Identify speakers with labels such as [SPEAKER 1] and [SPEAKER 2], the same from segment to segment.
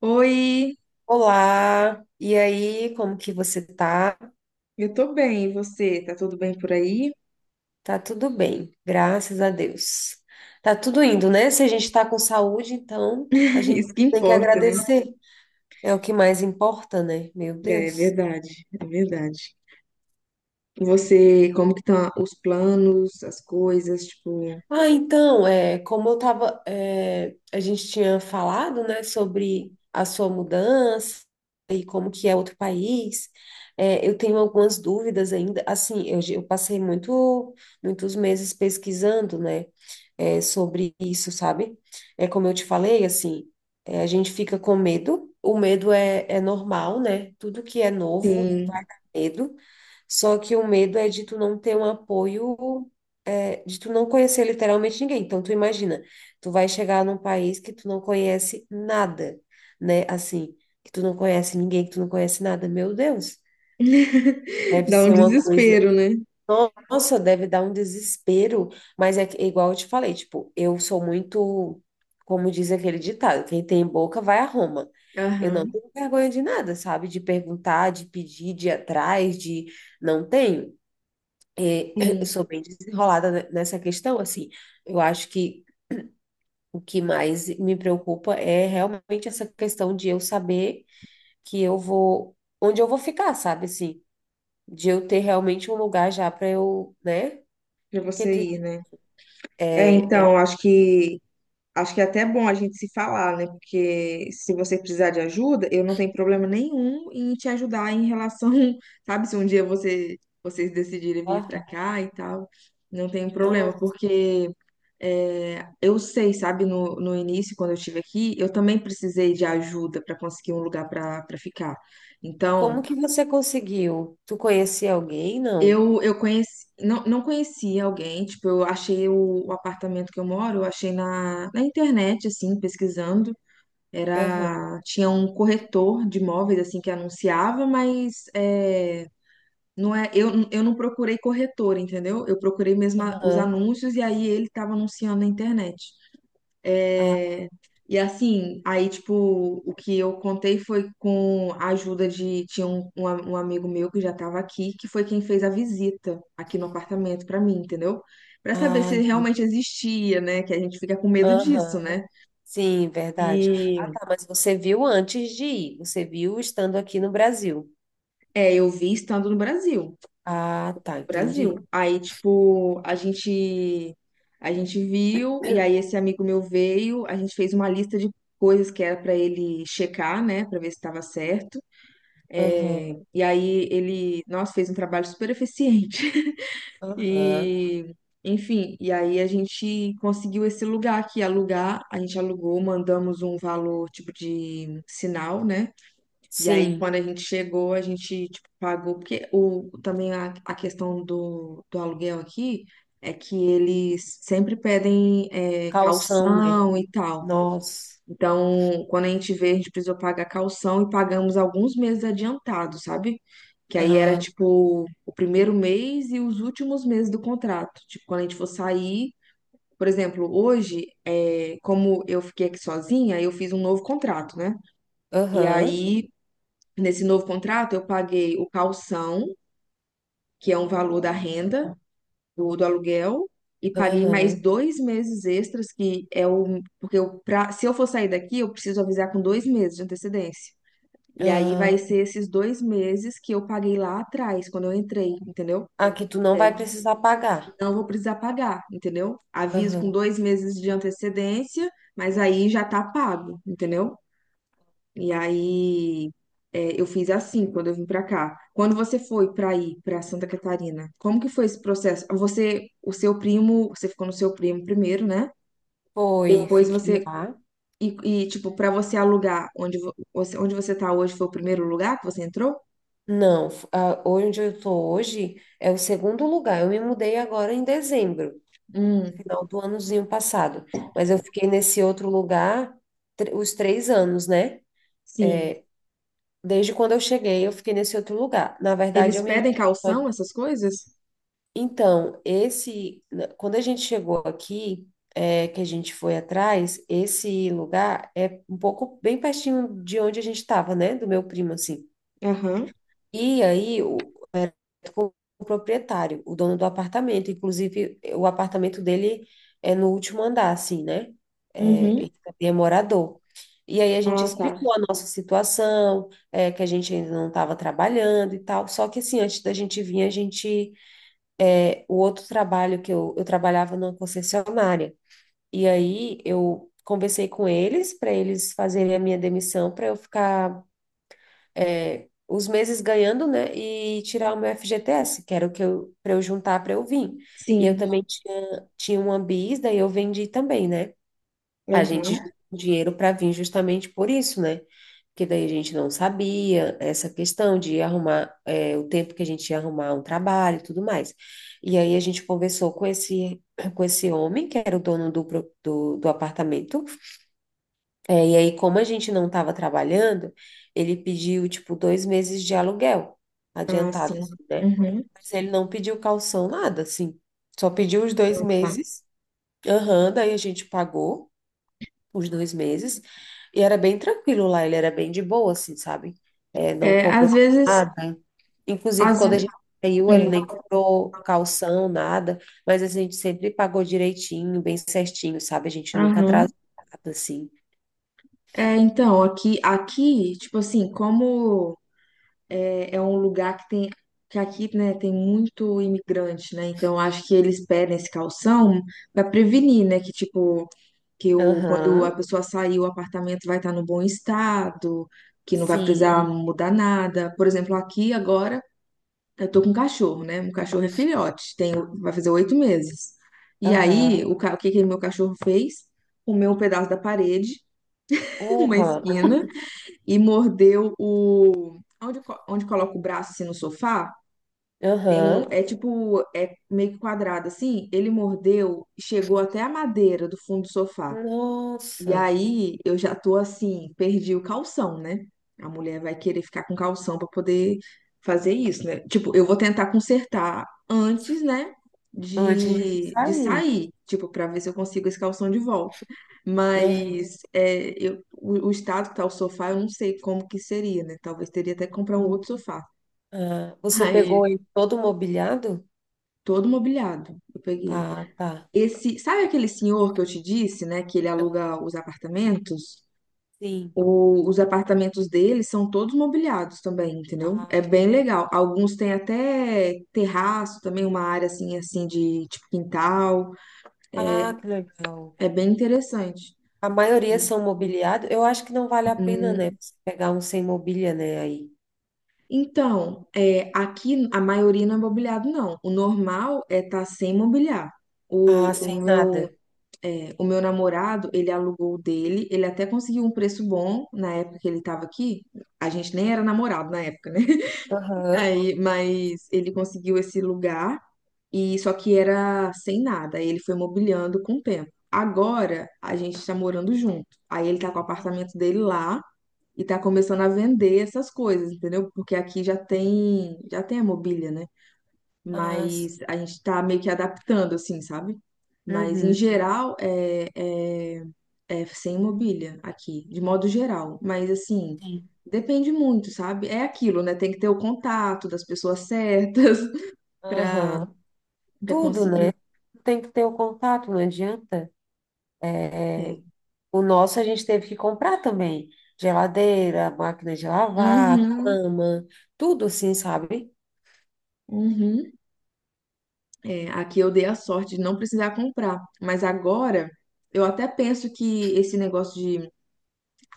[SPEAKER 1] Oi,
[SPEAKER 2] Olá, e aí, como que você tá?
[SPEAKER 1] eu tô bem, e você? Tá tudo bem por aí?
[SPEAKER 2] Tá tudo bem, graças a Deus. Tá tudo indo, né? Se a gente tá com saúde, então a gente
[SPEAKER 1] Isso que
[SPEAKER 2] tem que
[SPEAKER 1] importa, né?
[SPEAKER 2] agradecer. É o que mais importa, né? Meu
[SPEAKER 1] É
[SPEAKER 2] Deus.
[SPEAKER 1] verdade, é verdade. Você, como que estão os planos, as coisas, tipo,
[SPEAKER 2] Ah, então, como eu tava, a gente tinha falado, né, sobre a sua mudança e como que é outro país. É, eu tenho algumas dúvidas ainda. Assim, eu passei muito, muitos meses pesquisando, né? Sobre isso, sabe? É como eu te falei, assim, a gente fica com medo, o medo é normal, né? Tudo que é novo
[SPEAKER 1] sim,
[SPEAKER 2] vai dar medo, só que o medo é de tu não ter um apoio, de tu não conhecer literalmente ninguém. Então, tu imagina, tu vai chegar num país que tu não conhece nada, né? Assim, que tu não conhece ninguém, que tu não conhece nada, meu Deus. Deve
[SPEAKER 1] dá um
[SPEAKER 2] ser uma coisa,
[SPEAKER 1] desespero, né?
[SPEAKER 2] nossa, deve dar um desespero, mas é igual eu te falei, tipo, eu sou muito, como diz aquele ditado, quem tem boca vai a Roma. Eu não
[SPEAKER 1] Aham,
[SPEAKER 2] tenho vergonha de nada, sabe? De perguntar, de pedir, de ir atrás, de não tenho. É, eu
[SPEAKER 1] sim,
[SPEAKER 2] sou bem desenrolada nessa questão, assim. Eu acho que o que mais me preocupa é realmente essa questão de eu saber que eu vou, onde eu vou ficar, sabe? Assim, de eu ter realmente um lugar já para eu, né?
[SPEAKER 1] pra você ir, né? É,
[SPEAKER 2] É, é...
[SPEAKER 1] então, acho que é até bom a gente se falar, né? Porque se você precisar de ajuda, eu não tenho problema nenhum em te ajudar em relação, sabe, se um dia você, vocês decidirem vir pra
[SPEAKER 2] Ah,
[SPEAKER 1] cá e tal, não tenho problema,
[SPEAKER 2] nossa.
[SPEAKER 1] porque é, eu sei, sabe, no início, quando eu estive aqui, eu também precisei de ajuda para conseguir um lugar para ficar.
[SPEAKER 2] Como
[SPEAKER 1] Então,
[SPEAKER 2] que você conseguiu? Tu conhecia alguém? Não.
[SPEAKER 1] eu conheci, não, não conhecia alguém, tipo, eu achei o apartamento que eu moro, eu achei na internet, assim, pesquisando.
[SPEAKER 2] Aham.
[SPEAKER 1] Era, tinha um corretor de imóveis assim que anunciava, mas é, não é, eu não procurei corretor, entendeu? Eu procurei mesmo os
[SPEAKER 2] Aham.
[SPEAKER 1] anúncios e aí ele estava anunciando na internet.
[SPEAKER 2] Ah,
[SPEAKER 1] É, e assim, aí tipo, o que eu contei foi com a ajuda de, tinha um amigo meu que já estava aqui, que foi quem fez a visita aqui no apartamento para mim, entendeu? Para saber
[SPEAKER 2] ah,
[SPEAKER 1] se realmente existia, né? Que a gente fica com medo disso,
[SPEAKER 2] aham.
[SPEAKER 1] né?
[SPEAKER 2] Sim, verdade. Ah,
[SPEAKER 1] E
[SPEAKER 2] tá, mas você viu antes de ir. Você viu estando aqui no Brasil.
[SPEAKER 1] é, eu vi estando no Brasil.
[SPEAKER 2] Ah, tá, entendi.
[SPEAKER 1] Brasil. Aí, tipo, a gente viu e aí esse amigo meu veio, a gente fez uma lista de coisas que era para ele checar, né, para ver se estava certo.
[SPEAKER 2] Aham.
[SPEAKER 1] É, e aí ele, nossa, fez um trabalho super eficiente.
[SPEAKER 2] Aham.
[SPEAKER 1] E enfim, e aí a gente conseguiu esse lugar aqui alugar, a gente alugou, mandamos um valor tipo de sinal, né? E aí,
[SPEAKER 2] Sim.
[SPEAKER 1] quando a gente chegou, a gente, tipo, pagou, porque o, também a questão do aluguel aqui é que eles sempre pedem é,
[SPEAKER 2] Calção, né?
[SPEAKER 1] calção e tal.
[SPEAKER 2] Nossa.
[SPEAKER 1] Então, quando a gente veio, a gente precisou pagar calção e pagamos alguns meses adiantado, sabe? Que aí era,
[SPEAKER 2] Ah,
[SPEAKER 1] tipo, o primeiro mês e os últimos meses do contrato. Tipo, quando a gente for sair, por exemplo, hoje, é, como eu fiquei aqui sozinha, eu fiz um novo contrato, né? E
[SPEAKER 2] aham.
[SPEAKER 1] aí nesse novo contrato, eu paguei o calção, que é um valor da renda do aluguel, e paguei mais
[SPEAKER 2] Aham.
[SPEAKER 1] 2 meses extras, que é o. Porque eu, pra, se eu for sair daqui, eu preciso avisar com 2 meses de antecedência. E aí
[SPEAKER 2] Ah,
[SPEAKER 1] vai ser esses 2 meses que eu paguei lá atrás, quando eu entrei, entendeu?
[SPEAKER 2] ah, que tu
[SPEAKER 1] E
[SPEAKER 2] não
[SPEAKER 1] aí
[SPEAKER 2] vai precisar pagar.
[SPEAKER 1] não vou precisar pagar, entendeu? Aviso com
[SPEAKER 2] Aham.
[SPEAKER 1] 2 meses de antecedência, mas aí já tá pago, entendeu? E aí é, eu fiz assim quando eu vim pra cá. Quando você foi pra ir pra Santa Catarina, como que foi esse processo? Você, o seu primo, você ficou no seu primo primeiro, né?
[SPEAKER 2] Foi,
[SPEAKER 1] Depois
[SPEAKER 2] fique
[SPEAKER 1] você
[SPEAKER 2] lá.
[SPEAKER 1] e, tipo para você alugar onde você tá hoje foi o primeiro lugar que você entrou?
[SPEAKER 2] Não, onde eu estou hoje é o segundo lugar. Eu me mudei agora em dezembro,
[SPEAKER 1] Hum,
[SPEAKER 2] final do anozinho passado. Mas eu fiquei nesse outro lugar os 3 anos, né?
[SPEAKER 1] sim.
[SPEAKER 2] Desde quando eu cheguei, eu fiquei nesse outro lugar. Na verdade,
[SPEAKER 1] Eles
[SPEAKER 2] eu me mudei.
[SPEAKER 1] pedem calção,
[SPEAKER 2] só-
[SPEAKER 1] essas coisas?
[SPEAKER 2] Então, quando a gente chegou aqui, que a gente foi atrás, esse lugar é um pouco bem pertinho de onde a gente estava, né? Do meu primo, assim.
[SPEAKER 1] Aham.
[SPEAKER 2] E aí, com o proprietário, o dono do apartamento. Inclusive, o apartamento dele é no último andar, assim, né? É,
[SPEAKER 1] Uhum.
[SPEAKER 2] ele também é morador. E aí a gente
[SPEAKER 1] Ah, tá.
[SPEAKER 2] explicou a nossa situação, que a gente ainda não estava trabalhando e tal. Só que assim, antes da gente vir, a gente. É, o outro trabalho que eu trabalhava numa concessionária. E aí eu conversei com eles para eles fazerem a minha demissão para eu ficar, é, os meses ganhando, né? E tirar o meu FGTS, que era o que eu, para eu juntar para eu vir. E eu
[SPEAKER 1] Sim.
[SPEAKER 2] também tinha uma bis, daí eu vendi também, né? A gente
[SPEAKER 1] Aham.
[SPEAKER 2] juntou um dinheiro para vir justamente por isso, né? Porque daí a gente não sabia essa questão de arrumar, é, o tempo que a gente ia arrumar um trabalho e tudo mais. E aí a gente conversou com com esse homem, que era o dono do, do apartamento, é, e aí, como a gente não estava trabalhando, ele pediu, tipo, 2 meses de aluguel
[SPEAKER 1] Ah,
[SPEAKER 2] adiantado,
[SPEAKER 1] sim.
[SPEAKER 2] assim, né?
[SPEAKER 1] Uhum.
[SPEAKER 2] Mas ele não pediu calção, nada, assim. Só pediu os dois
[SPEAKER 1] Tá.
[SPEAKER 2] meses. Aham, daí a gente pagou os 2 meses. E era bem tranquilo lá, ele era bem de boa, assim, sabe? É, não
[SPEAKER 1] É,
[SPEAKER 2] cobrou
[SPEAKER 1] às vezes,
[SPEAKER 2] nada. Inclusive,
[SPEAKER 1] às,
[SPEAKER 2] quando a
[SPEAKER 1] ve-
[SPEAKER 2] gente saiu, ele
[SPEAKER 1] hum,
[SPEAKER 2] nem cobrou calção, nada. Mas a gente sempre pagou direitinho, bem certinho, sabe? A gente nunca
[SPEAKER 1] aham.
[SPEAKER 2] atrasou, nada, assim.
[SPEAKER 1] É, então, aqui, aqui, tipo assim, como é um lugar que tem, que aqui, né, tem muito imigrante, né, então acho que eles pedem esse calção para prevenir, né, que tipo, que o, quando a
[SPEAKER 2] Aham,
[SPEAKER 1] pessoa sair, o apartamento vai estar no bom estado, que não vai
[SPEAKER 2] sim.
[SPEAKER 1] precisar mudar nada. Por exemplo, aqui agora, eu tô com um cachorro, né, um cachorro é filhote, tem, vai fazer 8 meses. E aí,
[SPEAKER 2] Aham.
[SPEAKER 1] o que que meu cachorro fez? Comeu um pedaço da parede, uma
[SPEAKER 2] Porra.
[SPEAKER 1] esquina, e mordeu o. Onde coloca o braço assim no sofá? Tem um.
[SPEAKER 2] Aham.
[SPEAKER 1] É tipo. É meio que quadrado assim. Ele mordeu, chegou até a madeira do fundo do sofá. E
[SPEAKER 2] Nossa.
[SPEAKER 1] aí eu já tô assim, perdi o calção, né? A mulher vai querer ficar com calção pra poder fazer isso, né? Tipo, eu vou tentar consertar antes, né?
[SPEAKER 2] Antes de
[SPEAKER 1] De
[SPEAKER 2] sair.
[SPEAKER 1] sair, tipo, pra ver se eu consigo esse calção de volta.
[SPEAKER 2] Aham.
[SPEAKER 1] Mas é, eu, o estado que tá o sofá, eu não sei como que seria, né? Talvez teria até que comprar um outro sofá.
[SPEAKER 2] Ah, você
[SPEAKER 1] Aí,
[SPEAKER 2] pegou ele todo mobiliado?
[SPEAKER 1] todo mobiliado, eu peguei.
[SPEAKER 2] Ah, tá.
[SPEAKER 1] Esse, sabe aquele senhor que eu te disse, né? Que ele aluga os apartamentos?
[SPEAKER 2] Sim.
[SPEAKER 1] Os apartamentos deles são todos mobiliados também, entendeu?
[SPEAKER 2] Ah,
[SPEAKER 1] É bem
[SPEAKER 2] tá.
[SPEAKER 1] legal. Alguns têm até terraço também, uma área assim, assim de tipo quintal.
[SPEAKER 2] Ah, que legal.
[SPEAKER 1] É bem interessante.
[SPEAKER 2] A maioria são mobiliados. Eu acho que não vale a pena, né? Você pegar um sem mobília, né? Aí.
[SPEAKER 1] Então, é, aqui a maioria não é mobiliado, não. O normal é estar sem mobiliar.
[SPEAKER 2] Ah,
[SPEAKER 1] O, o
[SPEAKER 2] sem
[SPEAKER 1] meu,
[SPEAKER 2] nada.
[SPEAKER 1] o meu namorado, ele alugou o dele, ele até conseguiu um preço bom na época que ele estava aqui. A gente nem era namorado na época, né?
[SPEAKER 2] Aham.
[SPEAKER 1] Aí, mas ele conseguiu esse lugar e só que era sem nada. Aí ele foi mobiliando com o tempo. Agora a gente está morando junto. Aí ele tá com o apartamento dele lá e tá começando a vender essas coisas, entendeu? Porque aqui já tem a mobília, né?
[SPEAKER 2] Ah, sim.
[SPEAKER 1] Mas a gente está meio que adaptando, assim, sabe? Mas em
[SPEAKER 2] Uhum.
[SPEAKER 1] geral é sem mobília aqui, de modo geral. Mas assim,
[SPEAKER 2] Sim.
[SPEAKER 1] depende muito, sabe? É aquilo, né? Tem que ter o contato das pessoas certas para
[SPEAKER 2] Aham. Tudo,
[SPEAKER 1] conseguir.
[SPEAKER 2] né? Tem que ter o contato, não adianta. é é,
[SPEAKER 1] É.
[SPEAKER 2] O nosso a gente teve que comprar também. Geladeira, máquina de lavar,
[SPEAKER 1] Uhum,
[SPEAKER 2] cama, tudo assim, sabe?
[SPEAKER 1] uhum. É, aqui eu dei a sorte de não precisar comprar. Mas agora eu até penso que esse negócio de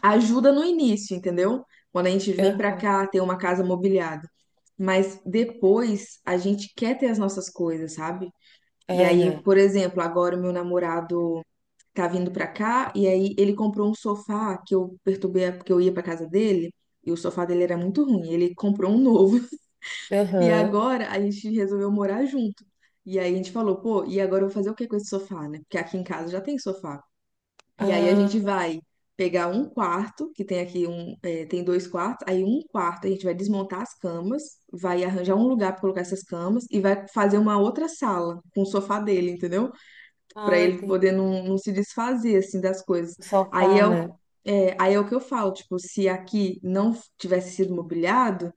[SPEAKER 1] ajuda no início, entendeu? Quando a gente vem pra
[SPEAKER 2] Aham.
[SPEAKER 1] cá ter uma casa mobiliada. Mas depois a gente quer ter as nossas coisas, sabe? E
[SPEAKER 2] É,
[SPEAKER 1] aí,
[SPEAKER 2] né?
[SPEAKER 1] por exemplo, agora o meu namorado tá vindo pra cá e aí ele comprou um sofá que eu perturbei porque eu ia pra casa dele. E o sofá dele era muito ruim, ele comprou um novo. E
[SPEAKER 2] Aham.
[SPEAKER 1] agora a gente resolveu morar junto. E aí a gente falou, pô, e agora eu vou fazer o que com esse sofá, né? Porque aqui em casa já tem sofá. E aí a gente
[SPEAKER 2] Ah,
[SPEAKER 1] vai pegar um quarto, que tem aqui um, é, tem dois quartos, aí um quarto a gente vai desmontar as camas, vai arranjar um lugar para colocar essas camas e vai fazer uma outra sala com o sofá dele, entendeu? Para
[SPEAKER 2] ah,
[SPEAKER 1] ele
[SPEAKER 2] entendi.
[SPEAKER 1] poder não se desfazer assim das coisas. Aí
[SPEAKER 2] Sofá,
[SPEAKER 1] é o,
[SPEAKER 2] né?
[SPEAKER 1] aí é o que eu falo, tipo, se aqui não tivesse sido mobiliado,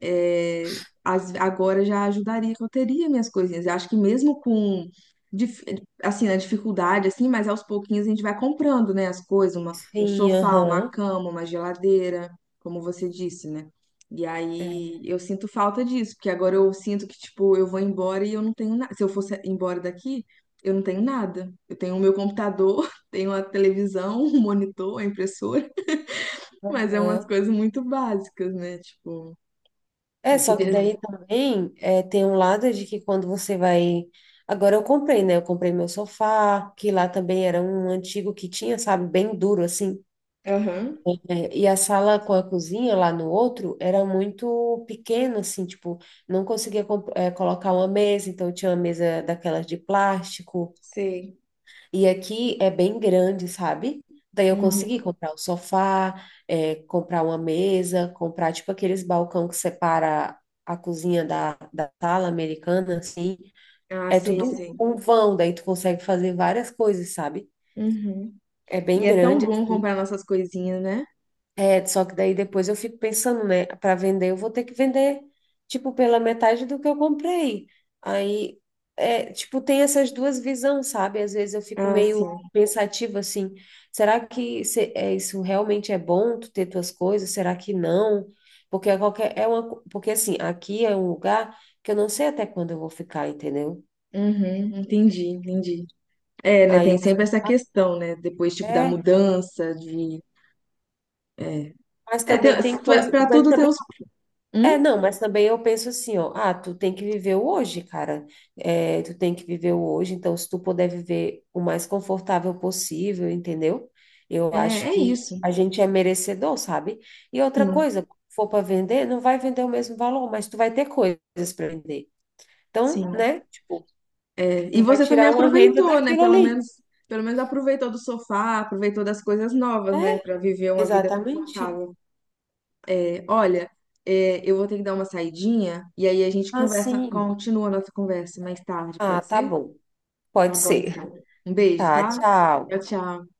[SPEAKER 1] é, agora já ajudaria que eu teria minhas coisinhas. Eu acho que mesmo com dif- assim, na dificuldade, assim, mas aos pouquinhos a gente vai comprando, né, as coisas, uma, um
[SPEAKER 2] Sim,
[SPEAKER 1] sofá, uma
[SPEAKER 2] aham.
[SPEAKER 1] cama, uma geladeira, como você disse, né? E
[SPEAKER 2] É.
[SPEAKER 1] aí eu sinto falta disso, porque agora eu sinto que, tipo, eu vou embora e eu não tenho nada. Se eu fosse embora daqui, eu não tenho nada. Eu tenho o meu computador, tenho a televisão, um monitor, a impressora, mas é umas
[SPEAKER 2] Aham.
[SPEAKER 1] coisas muito básicas, né? Tipo,
[SPEAKER 2] É,
[SPEAKER 1] eu
[SPEAKER 2] só que
[SPEAKER 1] queria.
[SPEAKER 2] daí também é, tem um lado de que quando você vai. Agora eu comprei, né? Eu comprei meu sofá, que lá também era um antigo que tinha, sabe, bem duro assim.
[SPEAKER 1] Aham,
[SPEAKER 2] É, e a sala com a cozinha lá no outro era muito pequena, assim, tipo, não conseguia, colocar uma mesa, então tinha uma mesa daquelas de plástico.
[SPEAKER 1] sei.
[SPEAKER 2] E aqui é bem grande, sabe? Daí eu consegui
[SPEAKER 1] Uhum.
[SPEAKER 2] comprar um sofá, comprar uma mesa, comprar, tipo, aqueles balcão que separa a cozinha da sala americana, assim.
[SPEAKER 1] Ah,
[SPEAKER 2] É
[SPEAKER 1] sei,
[SPEAKER 2] tudo
[SPEAKER 1] sei.
[SPEAKER 2] um vão, daí tu consegue fazer várias coisas, sabe?
[SPEAKER 1] Uhum.
[SPEAKER 2] É bem
[SPEAKER 1] E é tão
[SPEAKER 2] grande,
[SPEAKER 1] bom
[SPEAKER 2] assim.
[SPEAKER 1] comprar nossas coisinhas, né?
[SPEAKER 2] É, só que daí depois eu fico pensando, né? Para vender, eu vou ter que vender, tipo, pela metade do que eu comprei. Aí, é, tipo, tem essas duas visões, sabe? Às vezes eu fico
[SPEAKER 1] Ah,
[SPEAKER 2] meio
[SPEAKER 1] sim.
[SPEAKER 2] pensativa assim: será que isso realmente é bom, tu ter tuas coisas? Será que não? Porque é qualquer, é porque assim, aqui é um lugar que eu não sei até quando eu vou ficar, entendeu?
[SPEAKER 1] Uhum, entendi, entendi. É, né?
[SPEAKER 2] Aí,
[SPEAKER 1] Tem sempre essa questão, né? Depois, tipo, da
[SPEAKER 2] é,
[SPEAKER 1] mudança, de. É,
[SPEAKER 2] mas
[SPEAKER 1] é tem,
[SPEAKER 2] também tem coisas,
[SPEAKER 1] pra
[SPEAKER 2] mas
[SPEAKER 1] tudo tem os.
[SPEAKER 2] também é,
[SPEAKER 1] Hum?
[SPEAKER 2] não, mas também eu penso assim, ó, ah, tu tem que viver o hoje, cara. É, tu tem que viver o hoje, então se tu puder viver o mais confortável possível, entendeu? Eu
[SPEAKER 1] É,
[SPEAKER 2] acho
[SPEAKER 1] é
[SPEAKER 2] que
[SPEAKER 1] isso.
[SPEAKER 2] a gente é merecedor, sabe? E outra
[SPEAKER 1] Sim,
[SPEAKER 2] coisa, quando for para vender, não vai vender o mesmo valor, mas tu vai ter coisas para vender. Então,
[SPEAKER 1] sim.
[SPEAKER 2] né? Tipo,
[SPEAKER 1] É. E
[SPEAKER 2] tu vai
[SPEAKER 1] você também
[SPEAKER 2] tirar uma renda
[SPEAKER 1] aproveitou, né?
[SPEAKER 2] daquilo ali.
[SPEAKER 1] Pelo menos aproveitou do sofá, aproveitou das coisas novas, né?
[SPEAKER 2] É,
[SPEAKER 1] Pra viver uma vida
[SPEAKER 2] exatamente.
[SPEAKER 1] confortável. Olha, é, eu vou ter que dar uma saidinha e aí a gente conversa,
[SPEAKER 2] Assim.
[SPEAKER 1] continua a nossa conversa mais tarde,
[SPEAKER 2] Ah,
[SPEAKER 1] pode
[SPEAKER 2] tá
[SPEAKER 1] ser?
[SPEAKER 2] bom.
[SPEAKER 1] Tá
[SPEAKER 2] Pode
[SPEAKER 1] bom,
[SPEAKER 2] ser.
[SPEAKER 1] então. Um beijo,
[SPEAKER 2] Tá,
[SPEAKER 1] tá?
[SPEAKER 2] tchau.
[SPEAKER 1] Tchau, tchau.